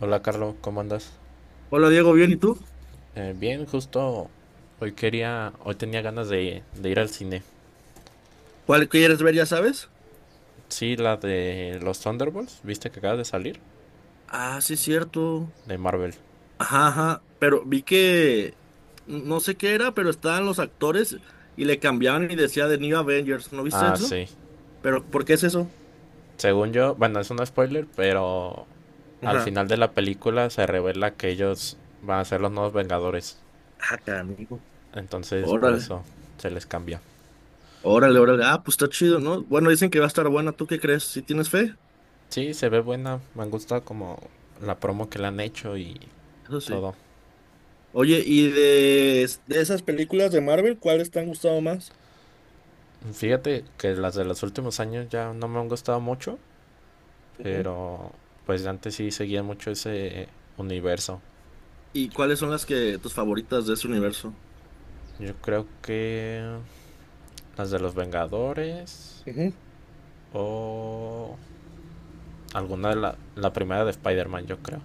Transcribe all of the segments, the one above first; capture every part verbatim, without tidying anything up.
Hola Carlos, ¿cómo andas? Hola Diego, bien, ¿y tú? Eh, bien, justo hoy quería, hoy tenía ganas de, de ir al cine. ¿Cuál quieres ver, ya sabes? Sí, la de los Thunderbolts, ¿viste que acaba de salir? Ah, sí, cierto. De Marvel. Ajá, ajá, pero vi que no sé qué era, pero estaban los actores y le cambiaban y decía The New Avengers, ¿no viste Ah, eso? sí. Pero ¿por qué es eso? Según yo, bueno, es un spoiler, pero al Ajá. final de la película se revela que ellos van a ser los nuevos Vengadores. Ah, canijo. Entonces, por Órale, eso se les cambia. órale, órale. Ah, pues está chido, ¿no? Bueno, dicen que va a estar buena, ¿tú qué crees? ¿Si tienes fe? Sí, se ve buena, me han gustado como la promo que le han hecho y Eso sí. todo. Oye, ¿y de, de esas películas de Marvel, ¿cuáles te han gustado más? Fíjate que las de los últimos años ya no me han gustado mucho. Ujú. Pero pues antes sí seguía mucho ese universo. ¿Y cuáles son las que tus favoritas de ese universo? Yo creo que las de los Vengadores o alguna de la, la primera de Spider-Man, yo creo.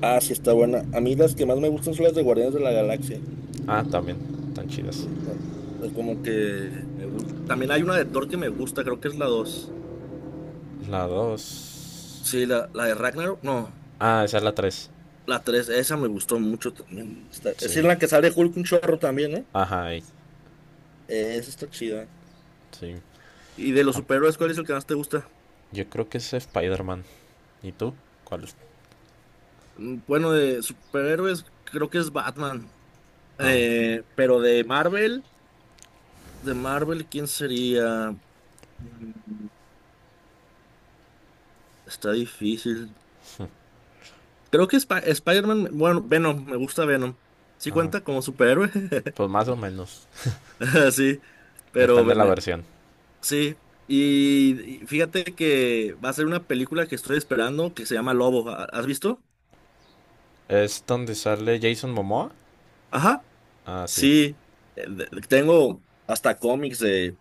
Ah, sí, está buena. A mí las que más me gustan son las de Guardianes de la Galaxia. Ah, también, tan chidas. Es como que me gusta. También hay una de Thor que me gusta, creo que es la dos. La dos. Sí, la, la de Ragnarok, no, Ah, esa es la tres. la tres. Esa me gustó mucho también. Está- es Sí. en la que sale Hulk un chorro también, ¿eh? Ajá, y- Eh, Esa está chida. sí. ¿Y de los Ah, superhéroes, cuál es el que más te gusta? yo creo que es Spider-Man. ¿Y tú? ¿Cuál? Mm, bueno, de superhéroes creo que es Batman. Ah, Eh, pero de Marvel, de Marvel, ¿quién sería? Mm, Está difícil. Creo que Sp- Spider-Man, bueno, Venom, me gusta Venom. Sí ah, cuenta como superhéroe, pues más o menos. sí, pero Depende ve- de la me- versión. sí. Y, y fíjate que va a ser una película que estoy esperando que se llama Lobo. ¿Ha- ¿Has visto? ¿Es donde sale Jason Momoa? Ajá, Ah, sí. sí. Eh, de- de- Tengo hasta cómics de,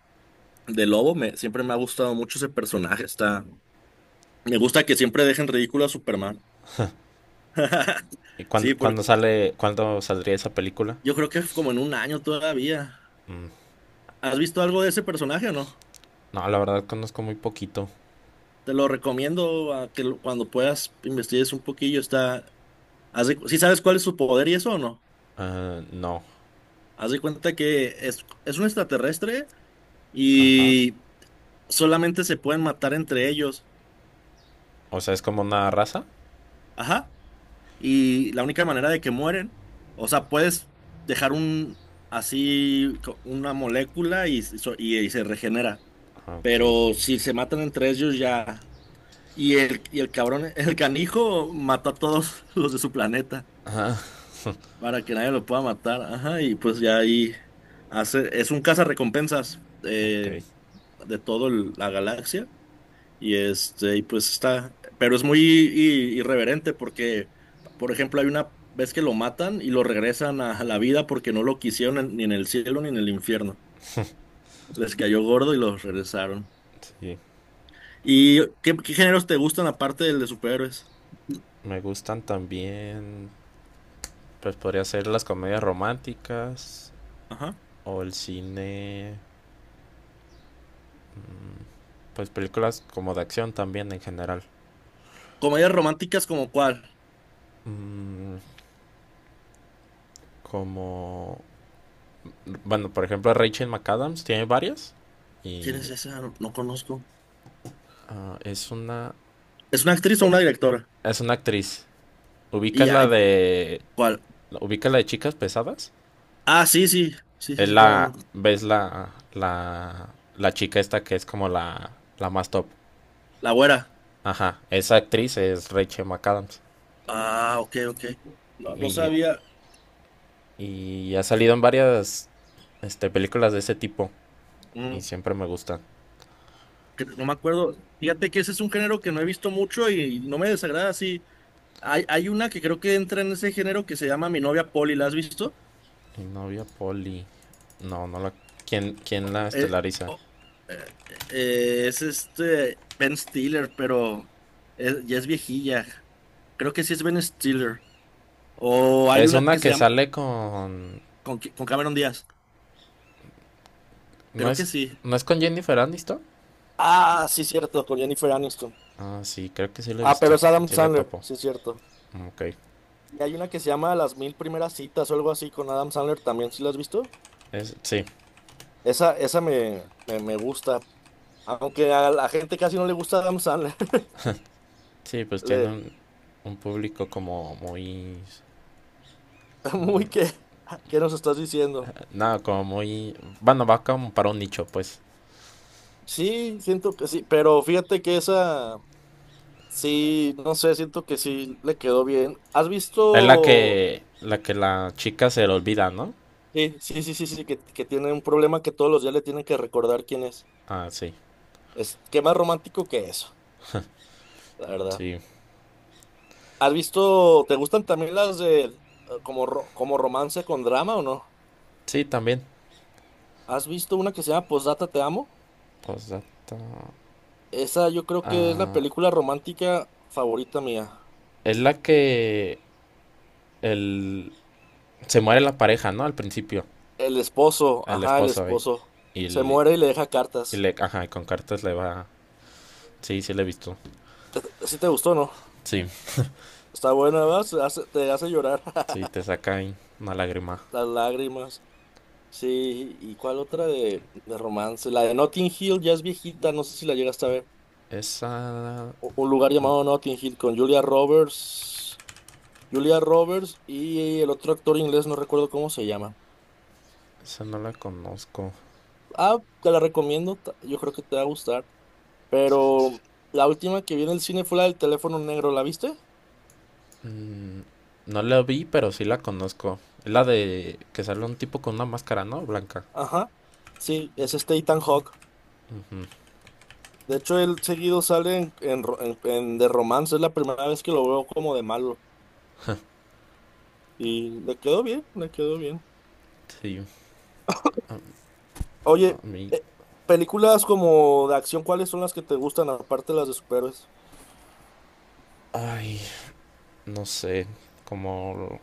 de Lobo. Me, siempre me ha gustado mucho ese personaje. Está, me gusta que siempre dejen ridículo a Superman. ¿Y cuándo, Sí, cuándo porque sale, cuándo saldría esa película? yo creo que es como en un año todavía. Mm, ¿Has visto algo de ese personaje o no? No, la verdad conozco muy poquito. Te lo recomiendo a que lo- cuando puedas investigues un poquillo. Está, haz de cu- ¿sí sabes cuál es su poder y eso o no? Ah, no. Haz de cuenta que es, es un extraterrestre Ajá. y solamente se pueden matar entre ellos. O sea, es como una raza. Ajá. Y la única manera de que mueren, o sea, puedes dejar un así co- una molécula y, se- so- y, y se regenera. Ah, ok, Pero si se matan entre ellos ya. Y el, y el cabrón, el canijo mató a todos los de su planeta. Para que nadie lo pueda matar. Ajá, y pues ya ahí hace, es un cazarrecompensas, ok. eh, de toda la galaxia. Y este, y pues está, pero es muy i- irreverente porque, por ejemplo, hay una vez que lo matan y lo regresan a la vida porque no lo quisieron en- ni en el cielo ni en el infierno. Les cayó gordo y los regresaron. Sí. ¿Y qué, qué géneros te gustan aparte del de superhéroes? Me gustan también, pues podría ser las comedias románticas Ajá. o el cine, pues películas como de acción también en general. ¿Comedias románticas como cuál? Mm, Como, bueno, por ejemplo, Rachel McAdams tiene varias ¿Quién es y esa? No, no conozco. ah, es una, ¿Es una actriz o una directora? es una actriz. ¿Ubicas Y, la de ¿cuál? Ubica la de chicas pesadas. Ah, sí, sí, sí, sí, Es sí, cómo la, no. ves la, la, la chica esta que es como la, la más top. La güera. Ajá, esa actriz es Rachel McAdams. Ah, ok, ok. No, no Y, sabía. y ha salido en varias este, películas de ese tipo. Y Mm, siempre me gustan. que- no me acuerdo. Fíjate que ese es un género que no he visto mucho y no me desagrada así. Hay, hay una que creo que entra en ese género que se llama Mi novia Polly, ¿la has visto? Mi novia Polly. No, no la. ¿Quién, quién la Eh, estelariza? oh, eh, eh, es este Ben Stiller, pero es- ya es viejilla. Creo que sí es Ben Stiller. O hay Es una que una se que llama sale con. con, con Cameron Díaz. ¿No Creo que es, sí. ¿No es con Jennifer Aniston? Ah, sí, cierto, con Jennifer Aniston. Ah, sí, creo que sí la he Ah, pero visto. es Adam Sí la Sandler, topo. sí es cierto. Mm, ok. Y hay una que se llama Las mil primeras citas o algo así con Adam Sandler también, ¿sí la has visto? Es, sí. Esa, esa me, me, me gusta, aunque a la gente casi no le gusta Adam Sandler. Sí, pues tiene Le, un, un público como muy... muy que, ¿qué nos estás diciendo? Nada, como muy... Bueno, va como para un nicho, pues. Sí, siento que sí, pero fíjate que esa, sí, no sé, siento que sí le quedó bien. ¿Has Es la visto? que la, que la chica se le olvida, ¿no? Sí, sí, sí, sí, sí, que, que tiene un problema que todos los días le tienen que recordar quién es. Ah, sí, Es, qué más romántico que eso, la verdad. sí. ¿Has visto, te gustan también las de eh, como, ro- como romance con drama o no? Sí, también. ¿Has visto una que se llama Posdata Te Amo? Posdata. Esa yo creo que es la Ah, película romántica favorita mía. es la que el, se muere la pareja, ¿no? Al principio, El esposo, el ajá, el esposo ahí. esposo. Y, Se l- muere y le deja y cartas. le, ajá, y con cartas le va. Sí, sí, le he visto. ¿Sí te gustó, no? Sí, Está buena, ¿verdad? Se hace- te hace llorar. sí, te saca ahí una lágrima. Las lágrimas. Sí, ¿y cuál otra de, de romance? La de Notting Hill ya es viejita, no sé si la llegaste a ver. Esa, Un lugar llamado Notting Hill con Julia Roberts. Julia Roberts y el otro actor inglés, no recuerdo cómo se llama. esa no la conozco. Ah, te la recomiendo, ta- yo creo que te va a gustar. Pero la última que vi en el cine fue la del teléfono negro, ¿la viste? Mm, no la vi, pero sí la conozco. Es la de que sale un tipo con una máscara, ¿no? Blanca. Ajá. Sí, es este Ethan Hawke. De hecho, él seguido sale en, en ro- en- en de romance, es la primera vez que lo veo como de malo. Y le quedó bien, le quedó bien. Sí. A, a Oye, mí. eh, películas como de acción, ¿cuáles son las que te gustan aparte de las de superhéroes? Ay, no sé. Como.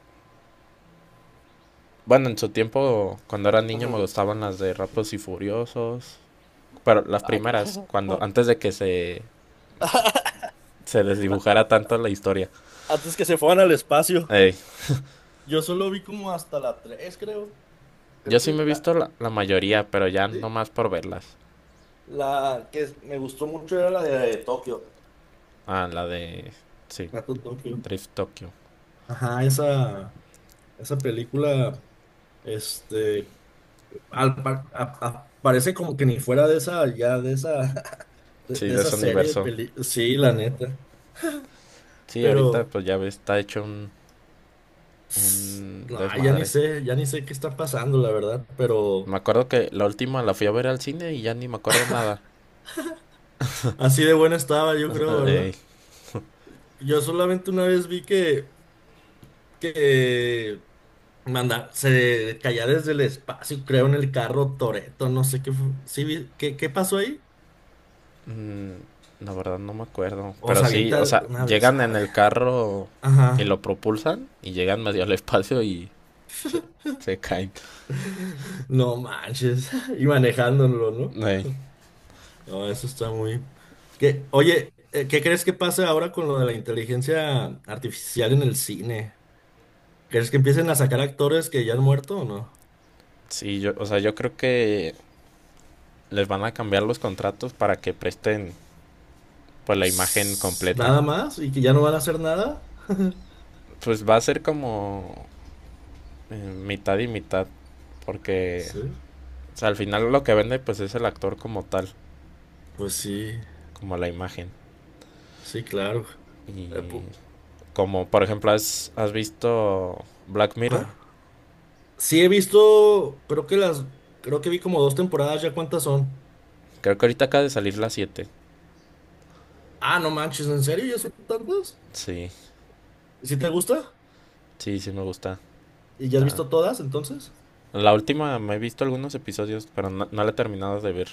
Bueno, en su tiempo, cuando era niño, me Ujú. gustaban las de Rápidos y Furiosos. Pero las Ay, primeras, cuando antes de que se, se desdibujara tanto la historia. antes que se fueran al espacio. Ey, Yo solo vi como hasta la tres creo. yo Creo sí que me he la, visto la, la mayoría, pero ya no sí, más por verlas. la que me gustó mucho era la de Tokio. Ah, la de. Sí, La de Tokio. Drift Tokyo. Ajá, esa, esa película, este, al, par- a- a- parece como que ni fuera de esa, ya de esa, de, Sí, de de esa ese serie de universo. películas. Sí, la neta. Sí, ahorita Pero, pues ya ves, está hecho un, s- un no, ya ni desmadre. sé, ya ni sé qué está pasando, la verdad. Pero Me acuerdo que la última la fui a ver al cine y ya ni me acuerdo nada. así de buena estaba, yo creo, Eh, ¿verdad? Yo solamente una vez vi que que Manda, se caía desde el espacio, creo, en el carro Toreto, no sé qué fue. ¿Sí, vi- qué, qué pasó ahí? mm, la verdad no me acuerdo. O Pero se sí, avienta o sea, una vez, llegan en ¿sabe? el carro y lo Ajá. propulsan y llegan medio al espacio y se, se caen. No manches. Y manejándolo, ¿no? Eh, No, eso está muy. ¿Qué? Oye, eh, ¿qué crees que pase ahora con lo de la inteligencia artificial en el cine? ¿Crees que empiecen a sacar actores que ya han muerto o no? sí, yo, o sea, yo creo que les van a cambiar los contratos para que presten pues la imagen Pss, completa. nada más y que ya no van a hacer nada. Pues va a ser como eh, mitad y mitad. Porque, Sí, o sea, al final lo que vende pues es el actor como tal, pues sí, como la imagen. sí, claro. Y como por ejemplo, ¿has, has visto Black Mirror? Claro. Sí, he visto, creo que las, creo que vi como dos temporadas, ¿ya cuántas son? Creo que ahorita acaba de salir la siete. Ah, no manches, ¿en serio? ¿Ya son tantas? Sí, ¿Y si te gusta? sí, sí me gusta. ¿Y ya has Está... visto todas entonces? La última me he visto algunos episodios, pero no, no la he terminado de ver.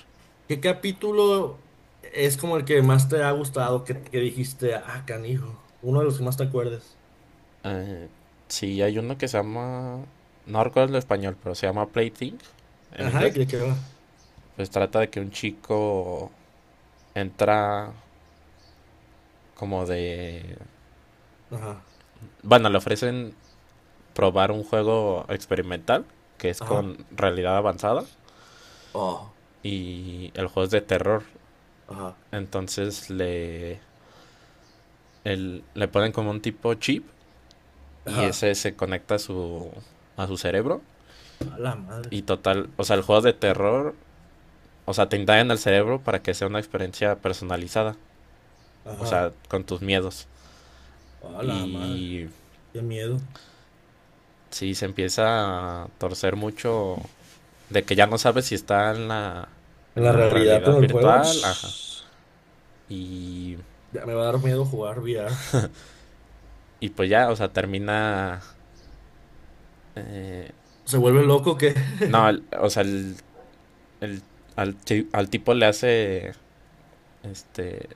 ¿Qué capítulo es como el que más te ha gustado, que, que dijiste, ah, canijo, uno de los que más te acuerdes? Eh, sí, hay uno que se llama... No recuerdo el español, pero se llama Plaything en Ajá, ¿y inglés. de qué va? Pues trata de que un chico entra como de... Ajá, Bueno, le ofrecen probar un juego experimental que es ajá, con realidad avanzada oh, y el juego es de terror. ajá, Entonces le, el- le ponen como un tipo chip y ajá, ese se conecta a su, a su cerebro. a la madre, Y total, o sea, el juego de terror, o sea, te indagan el cerebro para que sea una experiencia personalizada, o ajá, sea, con tus miedos. a la madre, Y qué miedo. si se empieza a torcer mucho de que ya no sabes si está en la, En en la la realidad, realidad todo el juego, virtual, ajá. shh, Y ya me va a dar miedo jugar V R. y pues ya, o sea, termina. eh, Se vuelve loco que... no, el- O sea, el, el- al, ti- al tipo le hace. Este.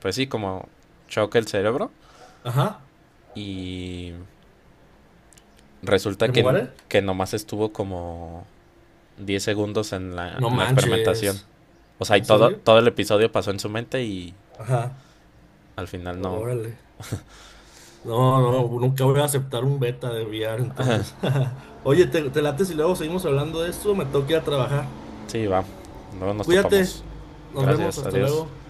Pues sí, como choque el cerebro. Ajá. Y resulta ¿Se que, muere? que nomás estuvo como diez segundos en la, No en la experimentación. manches. O sea, y ¿En todo, serio? todo el episodio pasó en su mente y Ajá. al final no. Órale. No, no, nunca voy a aceptar un beta de V R entonces. Ay, Oye, ¿te, te late si luego seguimos hablando de esto? Me tengo que ir a trabajar. sí, va. Luego nos topamos. Cuídate. Nos vemos. Gracias, Hasta adiós. luego.